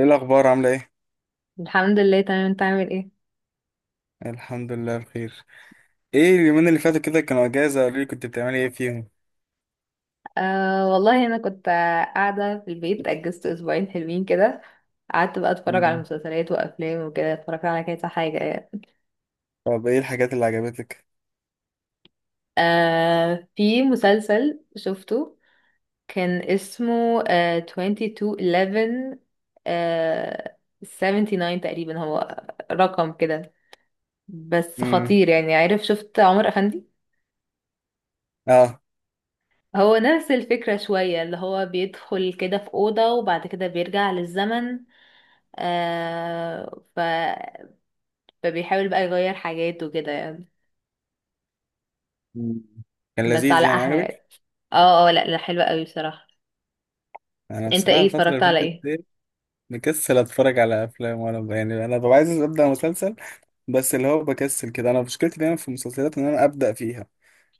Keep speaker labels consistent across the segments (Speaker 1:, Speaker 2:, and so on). Speaker 1: ايه الاخبار؟ عامله ايه؟
Speaker 2: الحمد لله، تمام. انت عامل ايه؟
Speaker 1: الحمد لله بخير. ايه اليومين اللي فاتوا كده كانوا اجازه؟ قولي لي كنت بتعملي ايه فيهم.
Speaker 2: والله انا كنت قاعده في البيت. اجزت اسبوعين حلوين كده. قعدت بقى اتفرج على
Speaker 1: مم.
Speaker 2: مسلسلات وافلام وكده، اتفرجت على كذا حاجه يعني.
Speaker 1: طب ايه الحاجات اللي عجبتك؟
Speaker 2: في مسلسل شفته، كان اسمه 2211. 79 تقريبا هو، رقم كده. بس
Speaker 1: امم.
Speaker 2: خطير يعني، عارف؟ شفت عمر افندي؟
Speaker 1: اه.
Speaker 2: هو نفس الفكرة شوية، اللي هو بيدخل كده في أوضة وبعد كده بيرجع للزمن. آه ف... فبيحاول بقى يغير حاجات وكده يعني.
Speaker 1: مم. كان
Speaker 2: بس
Speaker 1: لذيذ
Speaker 2: على
Speaker 1: يعني؟
Speaker 2: احلى يعني.
Speaker 1: عجبك؟
Speaker 2: اه، اه، لا، لا، حلوة قوي بصراحة.
Speaker 1: انا
Speaker 2: انت
Speaker 1: بصراحه
Speaker 2: ايه
Speaker 1: الفتره
Speaker 2: اتفرجت
Speaker 1: اللي
Speaker 2: على
Speaker 1: فاتت
Speaker 2: ايه؟
Speaker 1: دي مكسل اتفرج على افلام ولا يعني انا ببقى عايز ابدا مسلسل. بس اللي هو بكسل كده، انا مشكلتي دايما في المسلسلات ان انا ابدا فيها.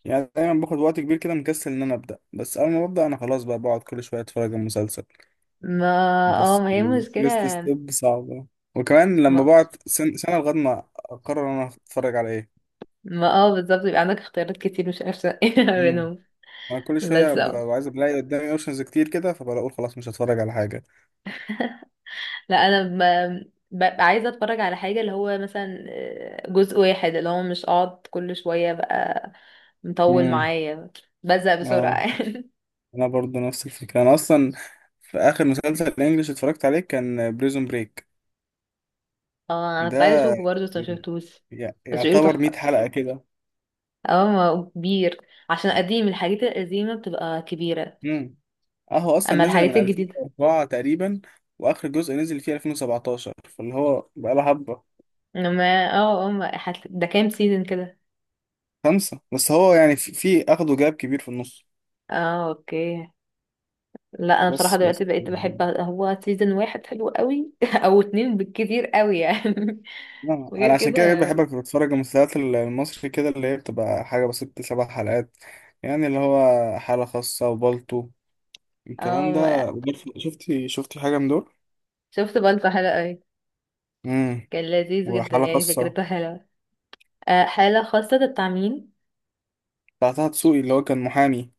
Speaker 1: يعني دايما باخد وقت كبير كده مكسل ان انا ابدا، بس اول ما ببدا انا خلاص بقى بقعد كل شويه اتفرج على المسلسل.
Speaker 2: ما اه
Speaker 1: بس
Speaker 2: ما هي مشكلة.
Speaker 1: الفيرست ستيب صعبة. وكمان لما
Speaker 2: ما,
Speaker 1: بقعد سنة لغاية ما أقرر أنا هتفرج على إيه.
Speaker 2: ما اه بالظبط. يبقى عندك اختيارات كتير مش عارفة ايه
Speaker 1: امم.
Speaker 2: منهم.
Speaker 1: أنا كل شوية
Speaker 2: بس
Speaker 1: ببقى عايز ألاقي قدامي أوبشنز كتير كده فبقول خلاص مش هتفرج على حاجة.
Speaker 2: لا، انا ببقى عايزة اتفرج على حاجة، اللي هو مثلا جزء واحد، اللي هو مش اقعد كل شوية بقى مطول
Speaker 1: امم.
Speaker 2: معايا، بزهق
Speaker 1: اه.
Speaker 2: بسرعة.
Speaker 1: أنا برضو نفس الفكرة. أنا أصلا في آخر مسلسل إنجلش اتفرجت عليه كان بريزون بريك.
Speaker 2: اه، انا
Speaker 1: ده
Speaker 2: كنت عايزة اشوفه برضه بس ما شفتوش. بس بيقولوا
Speaker 1: يعتبر 100
Speaker 2: تحفة.
Speaker 1: حلقة كده.
Speaker 2: اه، ما هو كبير، عشان قديم. الحاجات القديمة بتبقى كبيرة
Speaker 1: امم. أهو أصلا
Speaker 2: اما
Speaker 1: نزل من
Speaker 2: الحاجات الجديدة.
Speaker 1: 2004 تقريبا، وآخر جزء نزل فيه 2017 فاللي هو بقاله حبة.
Speaker 2: ما ده كام سيزون كده؟
Speaker 1: خمسة، بس هو يعني في أخده جاب كبير في النص.
Speaker 2: اه، اوكي. لا، انا بصراحة
Speaker 1: بس بس،
Speaker 2: دلوقتي بقيت بحب هو سيزون واحد حلو قوي او اتنين بالكتير قوي يعني.
Speaker 1: لا،
Speaker 2: وغير
Speaker 1: أنا عشان كده
Speaker 2: كده.
Speaker 1: بحب أتفرج المسلسلات المصري كده اللي هي بتبقى حاجة بس ست سبع حلقات. يعني اللي هو حالة خاصة وبالطو الكلام ده.
Speaker 2: اه،
Speaker 1: شفتي حاجة من دول؟
Speaker 2: شفت بالطو، حلو قوي.
Speaker 1: امم.
Speaker 2: كان لذيذ جدا
Speaker 1: وحالة
Speaker 2: يعني،
Speaker 1: خاصة
Speaker 2: فكرته حلوة. آه، حالة خاصة ده بتاع مين؟
Speaker 1: بتاع طه دسوقي اللي هو كان محامي.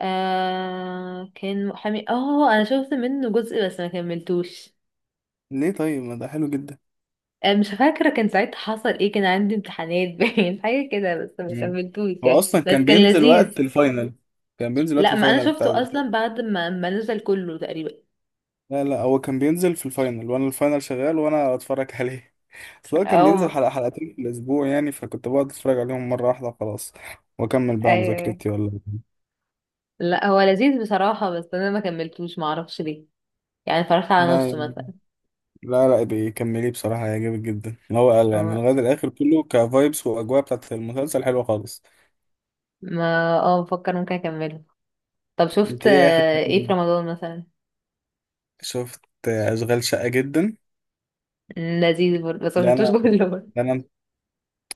Speaker 2: آه، كان محامي. اه، انا شفت منه جزء بس ما كملتوش.
Speaker 1: ليه؟ طيب ما ده حلو جدا.
Speaker 2: مش فاكرة كان ساعتها حصل ايه. كان عندي امتحانات باين حاجة كده، بس ما
Speaker 1: مم.
Speaker 2: كملتوش
Speaker 1: هو
Speaker 2: يعني،
Speaker 1: أصلا
Speaker 2: بس
Speaker 1: كان
Speaker 2: كان
Speaker 1: بينزل وقت
Speaker 2: لذيذ.
Speaker 1: الفاينل. كان بينزل وقت
Speaker 2: لا، ما انا
Speaker 1: الفاينل بتاع.
Speaker 2: شفته اصلا بعد ما نزل كله تقريبا.
Speaker 1: لا لا، هو كان بينزل في الفاينل وأنا الفاينل شغال وأنا أتفرج عليه. بس هو كان
Speaker 2: او،
Speaker 1: بينزل حلقة حلقتين في الأسبوع يعني فكنت بقعد أتفرج عليهم مرة واحدة خلاص، وأكمل بقى
Speaker 2: ايوه.
Speaker 1: مذاكرتي ولا.
Speaker 2: لا، هو لذيذ بصراحة، بس انا ما كملتوش، ما اعرفش ليه. يعني اتفرجت على
Speaker 1: لا
Speaker 2: نصه
Speaker 1: يعني.
Speaker 2: مثلا.
Speaker 1: لا لا، بيكمليه بصراحة هيعجبك جدا اللي هو قال يعني
Speaker 2: أما-
Speaker 1: لغاية الآخر كله كفايبس وأجواء بتاعت المسلسل حلوة خالص.
Speaker 2: ما بفكر ممكن اكمله. طب
Speaker 1: أنت
Speaker 2: شفت
Speaker 1: إيه آخر
Speaker 2: ايه في
Speaker 1: فيلم
Speaker 2: رمضان مثلا؟
Speaker 1: شفت؟ أشغال شقة جدا.
Speaker 2: لذيذ برضه بس ما
Speaker 1: ده
Speaker 2: شفتوش
Speaker 1: أنا
Speaker 2: كله برضه.
Speaker 1: ده أنا.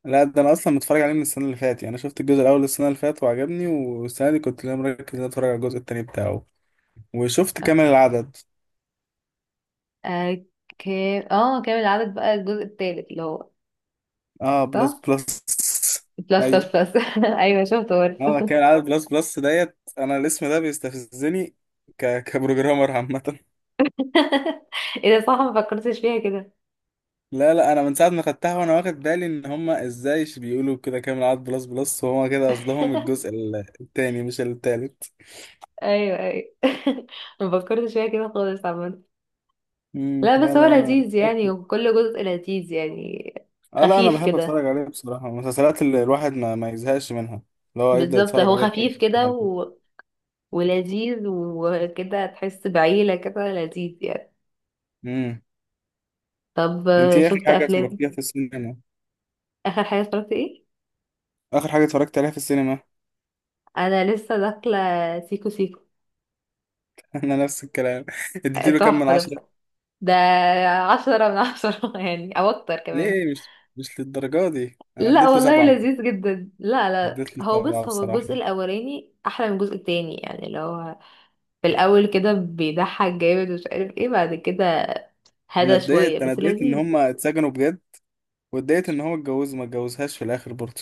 Speaker 1: لا، ده أنا أصلا متفرج عليه من السنة اللي فاتت. يعني أنا شفت الجزء الأول السنة اللي فاتت وعجبني، والسنة دي كنت لا مركز إن أنا أتفرج على الجزء التاني بتاعه. وشفت
Speaker 2: آه،
Speaker 1: كامل العدد.
Speaker 2: آه، كامل العدد بقى الجزء التالت، اللي هو،
Speaker 1: آه بلس
Speaker 2: صح،
Speaker 1: بلس.
Speaker 2: بلس بلس
Speaker 1: أيوه.
Speaker 2: بلس. ايوه، شفت
Speaker 1: اه
Speaker 2: برضه.
Speaker 1: كان عدد بلس بلس ديت، انا الاسم ده بيستفزني. كبروجرامر عامة.
Speaker 2: ايه ده؟ صح، ما فكرتش فيها كده.
Speaker 1: لا لا، انا من ساعة ما خدتها وانا واخد بالي ان هما ازاي بيقولوا كده كامل عدد بلس بلس، وهما كده قصدهم الجزء التاني مش التالت.
Speaker 2: ايوه، ايوه. ما فكرتش فيها كده خالص عامة.
Speaker 1: مم.
Speaker 2: لا،
Speaker 1: لا
Speaker 2: بس هو
Speaker 1: لا، انا
Speaker 2: لذيذ يعني،
Speaker 1: متأكد.
Speaker 2: وكل جزء لذيذ يعني.
Speaker 1: اه لا، انا
Speaker 2: خفيف
Speaker 1: بحب
Speaker 2: كده.
Speaker 1: اتفرج عليه بصراحة. المسلسلات اللي الواحد ما يزهقش منها، اللي هو يبدأ
Speaker 2: بالظبط،
Speaker 1: يتفرج
Speaker 2: هو
Speaker 1: عليها في اي
Speaker 2: خفيف
Speaker 1: وقت
Speaker 2: كده
Speaker 1: عادي.
Speaker 2: ولذيذ وكده، تحس بعيلة كده، لذيذ يعني.
Speaker 1: امم.
Speaker 2: طب
Speaker 1: انت ايه اخر
Speaker 2: شفت
Speaker 1: حاجة
Speaker 2: افلام؟
Speaker 1: اتفرجتيها في السينما؟
Speaker 2: اخر حاجة اتفرجت ايه؟
Speaker 1: اخر حاجة اتفرجت عليها في السينما.
Speaker 2: انا لسه داخلة سيكو سيكو.
Speaker 1: انا نفس الكلام. اديتيله كام من
Speaker 2: تحفة ده
Speaker 1: عشرة؟
Speaker 2: بصراحة. ده عشرة من عشرة يعني، او اكتر كمان.
Speaker 1: ليه؟ مش للدرجة دي، انا
Speaker 2: لا والله، لذيذ جدا. لا، لا،
Speaker 1: اديت له
Speaker 2: هو
Speaker 1: سبعة
Speaker 2: بص، هو
Speaker 1: بصراحة.
Speaker 2: الجزء الاولاني احلى من الجزء التاني يعني، اللي هو في الاول كده بيضحك جامد ومش عارف ايه، بعد كده
Speaker 1: انا
Speaker 2: هدى شويه
Speaker 1: اتضايقت انا
Speaker 2: بس
Speaker 1: اتضايقت ان
Speaker 2: لذيذ.
Speaker 1: هما اتسجنوا بجد، واتضايقت ان هو اتجوز ما اتجوزهاش في الاخر برضه.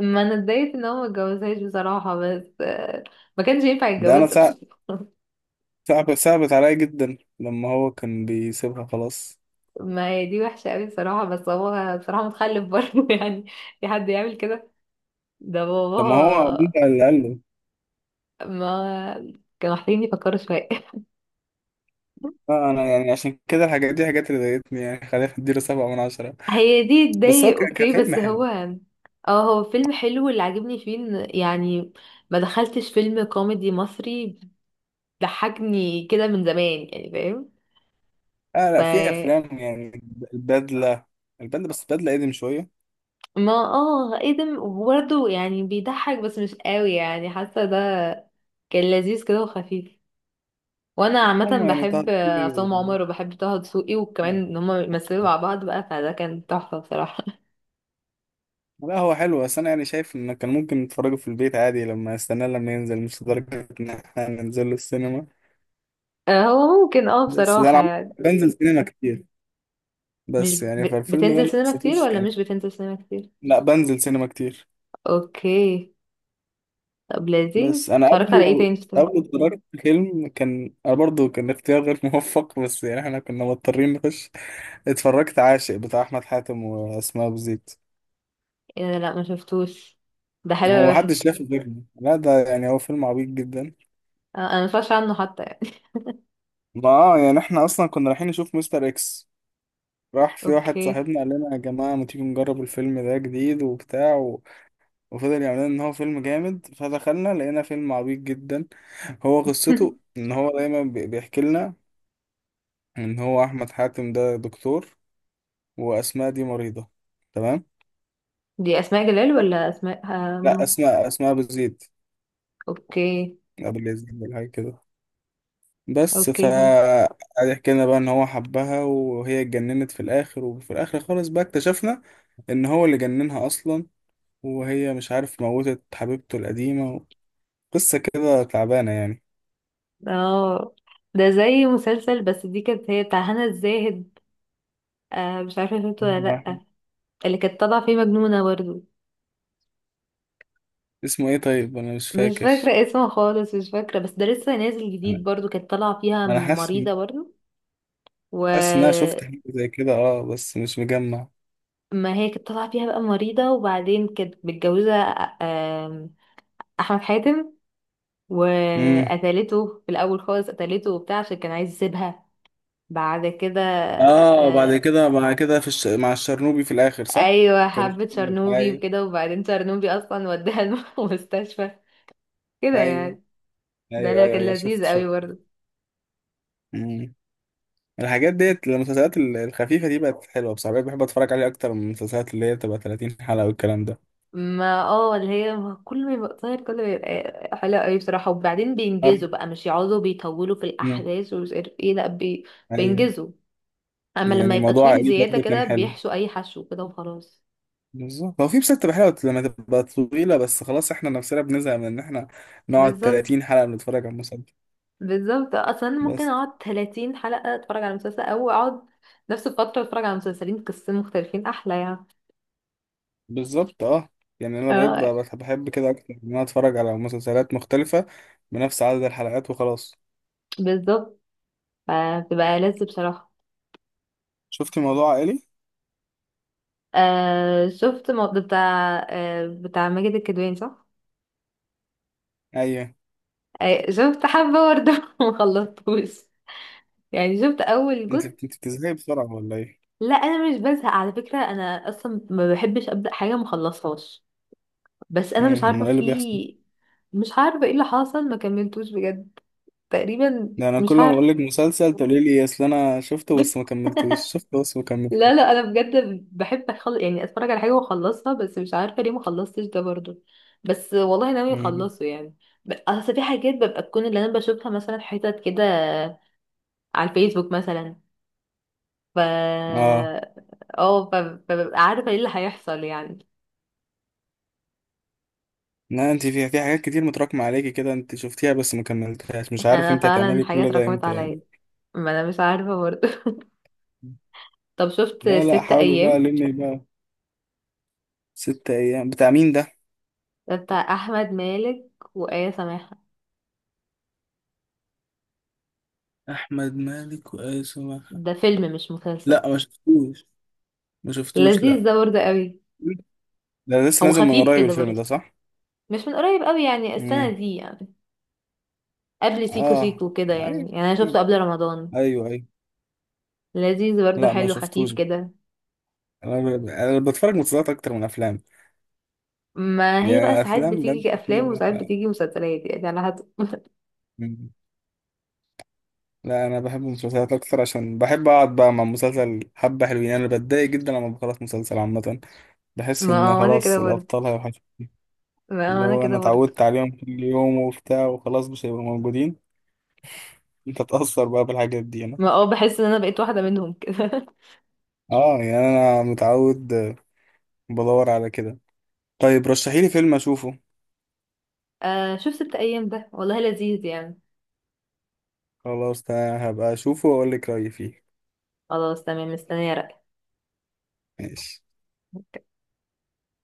Speaker 2: ما انا اتضايقت ان هو ما اتجوزهاش بصراحه، بس ما كانش ينفع
Speaker 1: ده انا
Speaker 2: يتجوزها بصراحه.
Speaker 1: صعب. صعبت عليا جدا لما هو كان بيسيبها خلاص.
Speaker 2: ما هي دي وحشه قوي بصراحه، بس هو بصراحه متخلف برضه يعني. في حد يعمل كده؟ ده
Speaker 1: طب ما هو
Speaker 2: باباها.
Speaker 1: بيبقى اللي قال له.
Speaker 2: ما كانوا محتاجين يفكروا شويه.
Speaker 1: اه انا يعني عشان كده الحاجات دي حاجات اللي ضايقتني، يعني خلينا نديله سبعة من عشرة.
Speaker 2: هي دي
Speaker 1: بس هو
Speaker 2: تضايق،
Speaker 1: كان
Speaker 2: اوكي،
Speaker 1: فيلم
Speaker 2: بس هو
Speaker 1: حلو.
Speaker 2: اه، هو فيلم حلو. اللي عاجبني فيه إن يعني ما دخلتش فيلم كوميدي مصري ضحكني كده من زمان يعني، فاهم؟
Speaker 1: اه
Speaker 2: ف
Speaker 1: لا في افلام يعني. البدلة. بس البدلة قديم شوية.
Speaker 2: ما ايه ده؟ برضه يعني بيضحك بس مش قوي يعني، حاسه ده كان لذيذ كده وخفيف. وانا عامه
Speaker 1: هما يعني طه
Speaker 2: بحب عصام
Speaker 1: دسوقي.
Speaker 2: عمر وبحب طه دسوقي، وكمان ان هما يمثلوا مع بعض بقى، فده كان تحفه بصراحه.
Speaker 1: لا هو حلو، بس انا يعني شايف ان كان ممكن نتفرجوا في البيت عادي لما استناه لما ينزل، مش لدرجة ان احنا ننزل له السينما.
Speaker 2: هو ممكن، اه،
Speaker 1: بس
Speaker 2: بصراحه يعني.
Speaker 1: بنزل سينما كتير.
Speaker 2: مش
Speaker 1: بس يعني فالفيلم ده
Speaker 2: بتنزل
Speaker 1: ما
Speaker 2: سينما كتير
Speaker 1: حسيتوش
Speaker 2: ولا
Speaker 1: كان.
Speaker 2: مش بتنزل سينما كتير؟
Speaker 1: لا بنزل سينما كتير.
Speaker 2: اوكي. طب
Speaker 1: بس
Speaker 2: لذيذ.
Speaker 1: انا
Speaker 2: اتفرجت
Speaker 1: قبله
Speaker 2: على ايه تاني شفته؟
Speaker 1: قبله اتفرجت فيلم، كان انا برضه كان اختيار غير موفق، بس يعني احنا كنا مضطرين نخش. اتفرجت عاشق بتاع احمد حاتم واسماء ابو زيد.
Speaker 2: ايه ده؟ لا، ما شفتوش. ده حلو
Speaker 1: هو
Speaker 2: ولا
Speaker 1: محدش
Speaker 2: وحش؟
Speaker 1: شافه غيرنا. لا، ده يعني هو فيلم عبيط جدا.
Speaker 2: انا ما اتفرجش عنه حتى يعني.
Speaker 1: ما اه، يعني احنا اصلا كنا رايحين نشوف مستر اكس. راح في واحد
Speaker 2: اوكي.
Speaker 1: صاحبنا قال لنا يا جماعة ما تيجي نجرب الفيلم ده جديد وبتاع وفضل يعمل لنا ان هو فيلم جامد، فدخلنا لقينا فيلم عبيط جدا. هو قصته ان هو دايما بيحكي لنا ان هو احمد حاتم ده دكتور، واسماء دي مريضة. تمام.
Speaker 2: دي اسماء جلال ولا اسماء
Speaker 1: لا
Speaker 2: مين؟
Speaker 1: اسماء، بتزيد.
Speaker 2: اوكي،
Speaker 1: ابو اليزيد ولا حاجة كده. بس ف
Speaker 2: اوكي.
Speaker 1: قعد يحكي لنا بقى ان هو حبها، وهي اتجننت في الاخر، وفي الاخر خالص بقى اكتشفنا ان هو اللي جننها اصلا، وهي مش عارف موتت حبيبته القديمة. قصة كده تعبانة يعني.
Speaker 2: اه، ده زي مسلسل، بس دي كانت هي بتاع هنا الزاهد. آه، مش عارفه شفته ولا لا.
Speaker 1: واحد.
Speaker 2: اللي كانت طالعه فيه مجنونه برضو.
Speaker 1: اسمه ايه؟ طيب انا مش
Speaker 2: مش
Speaker 1: فاكر.
Speaker 2: فاكره اسمه خالص، مش فاكره. بس ده لسه نازل
Speaker 1: انا
Speaker 2: جديد برضو، كانت طالعه فيها
Speaker 1: أنا حاسس.
Speaker 2: مريضه برضو. و
Speaker 1: ان انا شفت حاجة زي كده اه، بس مش مجمع.
Speaker 2: ما هي كانت طالعة فيها بقى مريضة، وبعدين كانت متجوزة آه، آم، أحمد حاتم.
Speaker 1: امم.
Speaker 2: وقتلته في الأول خالص، قتلته وبتاع عشان كان عايز يسيبها. بعد كده،
Speaker 1: اه بعد كده بعد كده في مع الشرنوبي في الاخر صح؟
Speaker 2: أيوة، حبت شرنوبي
Speaker 1: ايوه.
Speaker 2: وكده، وبعدين شرنوبي أصلا وداها المستشفى كده
Speaker 1: ايوه
Speaker 2: يعني. ده
Speaker 1: ايوه
Speaker 2: اللي
Speaker 1: ايوه
Speaker 2: كان
Speaker 1: ايوه شفت
Speaker 2: لذيذ قوي
Speaker 1: شفت.
Speaker 2: برضه.
Speaker 1: مم. الحاجات ديت المسلسلات الخفيفة دي بقت حلوة بصراحة. بقيت بحب اتفرج عليها اكتر من المسلسلات اللي هي بتبقى 30 حلقة والكلام ده.
Speaker 2: ما اللي هي، ما كل ما يبقى قصير كل ما يبقى حلو قوي بصراحة، وبعدين
Speaker 1: طب.
Speaker 2: بينجزوا بقى، مش يقعدوا بيطولوا في
Speaker 1: مم.
Speaker 2: الأحداث ومش عارف ايه. لأ
Speaker 1: ايوه.
Speaker 2: بينجزوا. اما لما
Speaker 1: يعني
Speaker 2: يبقى
Speaker 1: موضوع
Speaker 2: طويل
Speaker 1: عائلي
Speaker 2: زيادة
Speaker 1: برضه كان
Speaker 2: كده
Speaker 1: حلو.
Speaker 2: بيحشو اي حشو كده وخلاص.
Speaker 1: بالظبط، هو في مسلسلات حلوة لما تبقى طويلة، بس خلاص احنا نفسنا بنزهق من ان احنا نقعد
Speaker 2: بالظبط.
Speaker 1: 30 حلقة بنتفرج على مسلسل.
Speaker 2: بالظبط، اصلا ممكن
Speaker 1: بس
Speaker 2: اقعد 30 حلقة اتفرج على مسلسل او اقعد نفس الفترة اتفرج على مسلسلين قصتين مختلفين، احلى يعني.
Speaker 1: بالظبط اه. يعني انا بقيت
Speaker 2: اه،
Speaker 1: بحب كده اكتر ان انا اتفرج على مسلسلات مختلفة بنفس عدد الحلقات وخلاص.
Speaker 2: بالظبط، فبتبقى لذ بصراحة.
Speaker 1: شفت موضوع عائلي؟
Speaker 2: آه، شفت موضوع بتاع ماجد الكدواني، صح؟
Speaker 1: ايوه.
Speaker 2: آه، شفت حبة برضه مخلصتوش. يعني شفت أول
Speaker 1: انت
Speaker 2: جزء.
Speaker 1: انت بتزهقي بسرعة ولا ايه؟
Speaker 2: لا، أنا مش بزهق على فكرة، أنا أصلا ما بحبش أبدأ حاجة مخلصهاش. بس انا مش
Speaker 1: امال
Speaker 2: عارفه
Speaker 1: ايه اللي
Speaker 2: في.
Speaker 1: بيحصل؟
Speaker 2: مش عارفه ايه اللي حصل، ما كملتوش بجد. تقريبا
Speaker 1: ده انا كل
Speaker 2: مش
Speaker 1: ما بقول
Speaker 2: عارفه.
Speaker 1: لك مسلسل تقولي لي اصل انا شفته بس ما كملتوش، شفته بس ما
Speaker 2: لا، لا،
Speaker 1: كملتوش.
Speaker 2: انا بجد بحب يعني اتفرج على حاجه واخلصها، بس مش عارفه ليه ما خلصتش ده برضو. بس والله ناوي
Speaker 1: امم.
Speaker 2: اخلصه يعني. اصل في حاجات ببقى تكون، اللي انا بشوفها مثلا حتت كده على الفيسبوك مثلا. ف
Speaker 1: اه
Speaker 2: اه ف- فببقى عارفه ايه اللي هيحصل يعني.
Speaker 1: لا، انت في حاجات كتير متراكمة عليكي كده، انت شفتيها بس ما كملتهاش، مش عارف
Speaker 2: انا
Speaker 1: انت
Speaker 2: فعلا
Speaker 1: هتعملي
Speaker 2: حاجات
Speaker 1: كل ده
Speaker 2: رقمت
Speaker 1: امتى
Speaker 2: عليا.
Speaker 1: يعني.
Speaker 2: ما انا مش عارفه برضو. طب شفت
Speaker 1: لا لا،
Speaker 2: ست
Speaker 1: حاولي بقى
Speaker 2: ايام؟
Speaker 1: لمي بقى. ست ايام بتاع مين ده؟
Speaker 2: ده بتاع احمد مالك وآية سماحة.
Speaker 1: احمد مالك وايسو مرحب.
Speaker 2: ده فيلم مش مسلسل.
Speaker 1: لا ما شفتوش. ما شفتوش،
Speaker 2: لذيذ
Speaker 1: لا.
Speaker 2: ده برضه قوي.
Speaker 1: ده لسه
Speaker 2: هو
Speaker 1: نازل من
Speaker 2: خفيف
Speaker 1: قريب
Speaker 2: كده
Speaker 1: الفيلم ده
Speaker 2: برضه.
Speaker 1: صح؟
Speaker 2: مش من قريب قوي يعني، السنة
Speaker 1: امم.
Speaker 2: دي يعني، قبل سيكو
Speaker 1: اه.
Speaker 2: سيكو كده
Speaker 1: ايوه
Speaker 2: يعني، انا شفته قبل رمضان.
Speaker 1: ايوه ايوه.
Speaker 2: لذيذ برضه،
Speaker 1: لا ما
Speaker 2: حلو خفيف
Speaker 1: شفتوش.
Speaker 2: كده.
Speaker 1: انا بتفرج مسلسلات اكتر من افلام.
Speaker 2: ما هي
Speaker 1: يعني
Speaker 2: بقى
Speaker 1: أنا
Speaker 2: ساعات
Speaker 1: افلام
Speaker 2: بتيجي كأفلام وساعات بتيجي مسلسلات يعني، على حسب.
Speaker 1: بجد. لا انا بحب المسلسلات اكتر عشان بحب اقعد بقى مع مسلسل حبه حلوين. انا بتضايق جدا لما بخلص مسلسل عامه. بحس
Speaker 2: ما
Speaker 1: ان
Speaker 2: انا كده
Speaker 1: خلاص
Speaker 2: برضه.
Speaker 1: الابطال هيوحشوا،
Speaker 2: ما
Speaker 1: اللي
Speaker 2: انا
Speaker 1: هو انا
Speaker 2: كده برضه.
Speaker 1: اتعودت عليهم كل يوم وبتاع وخلاص مش هيبقوا موجودين. انت تأثر بقى بالحاجات دي. انا
Speaker 2: ما بحس ان انا بقيت واحدة منهم كده.
Speaker 1: اه. يعني انا متعود بدور على كده. طيب رشحيلي فيلم اشوفه.
Speaker 2: آه، شوف ست ايام ده، والله لذيذ يعني.
Speaker 1: خلاص ده هبقى اشوفه واقول لك رايي فيه.
Speaker 2: خلاص، تمام، مستنية رأيك.
Speaker 1: ماشي.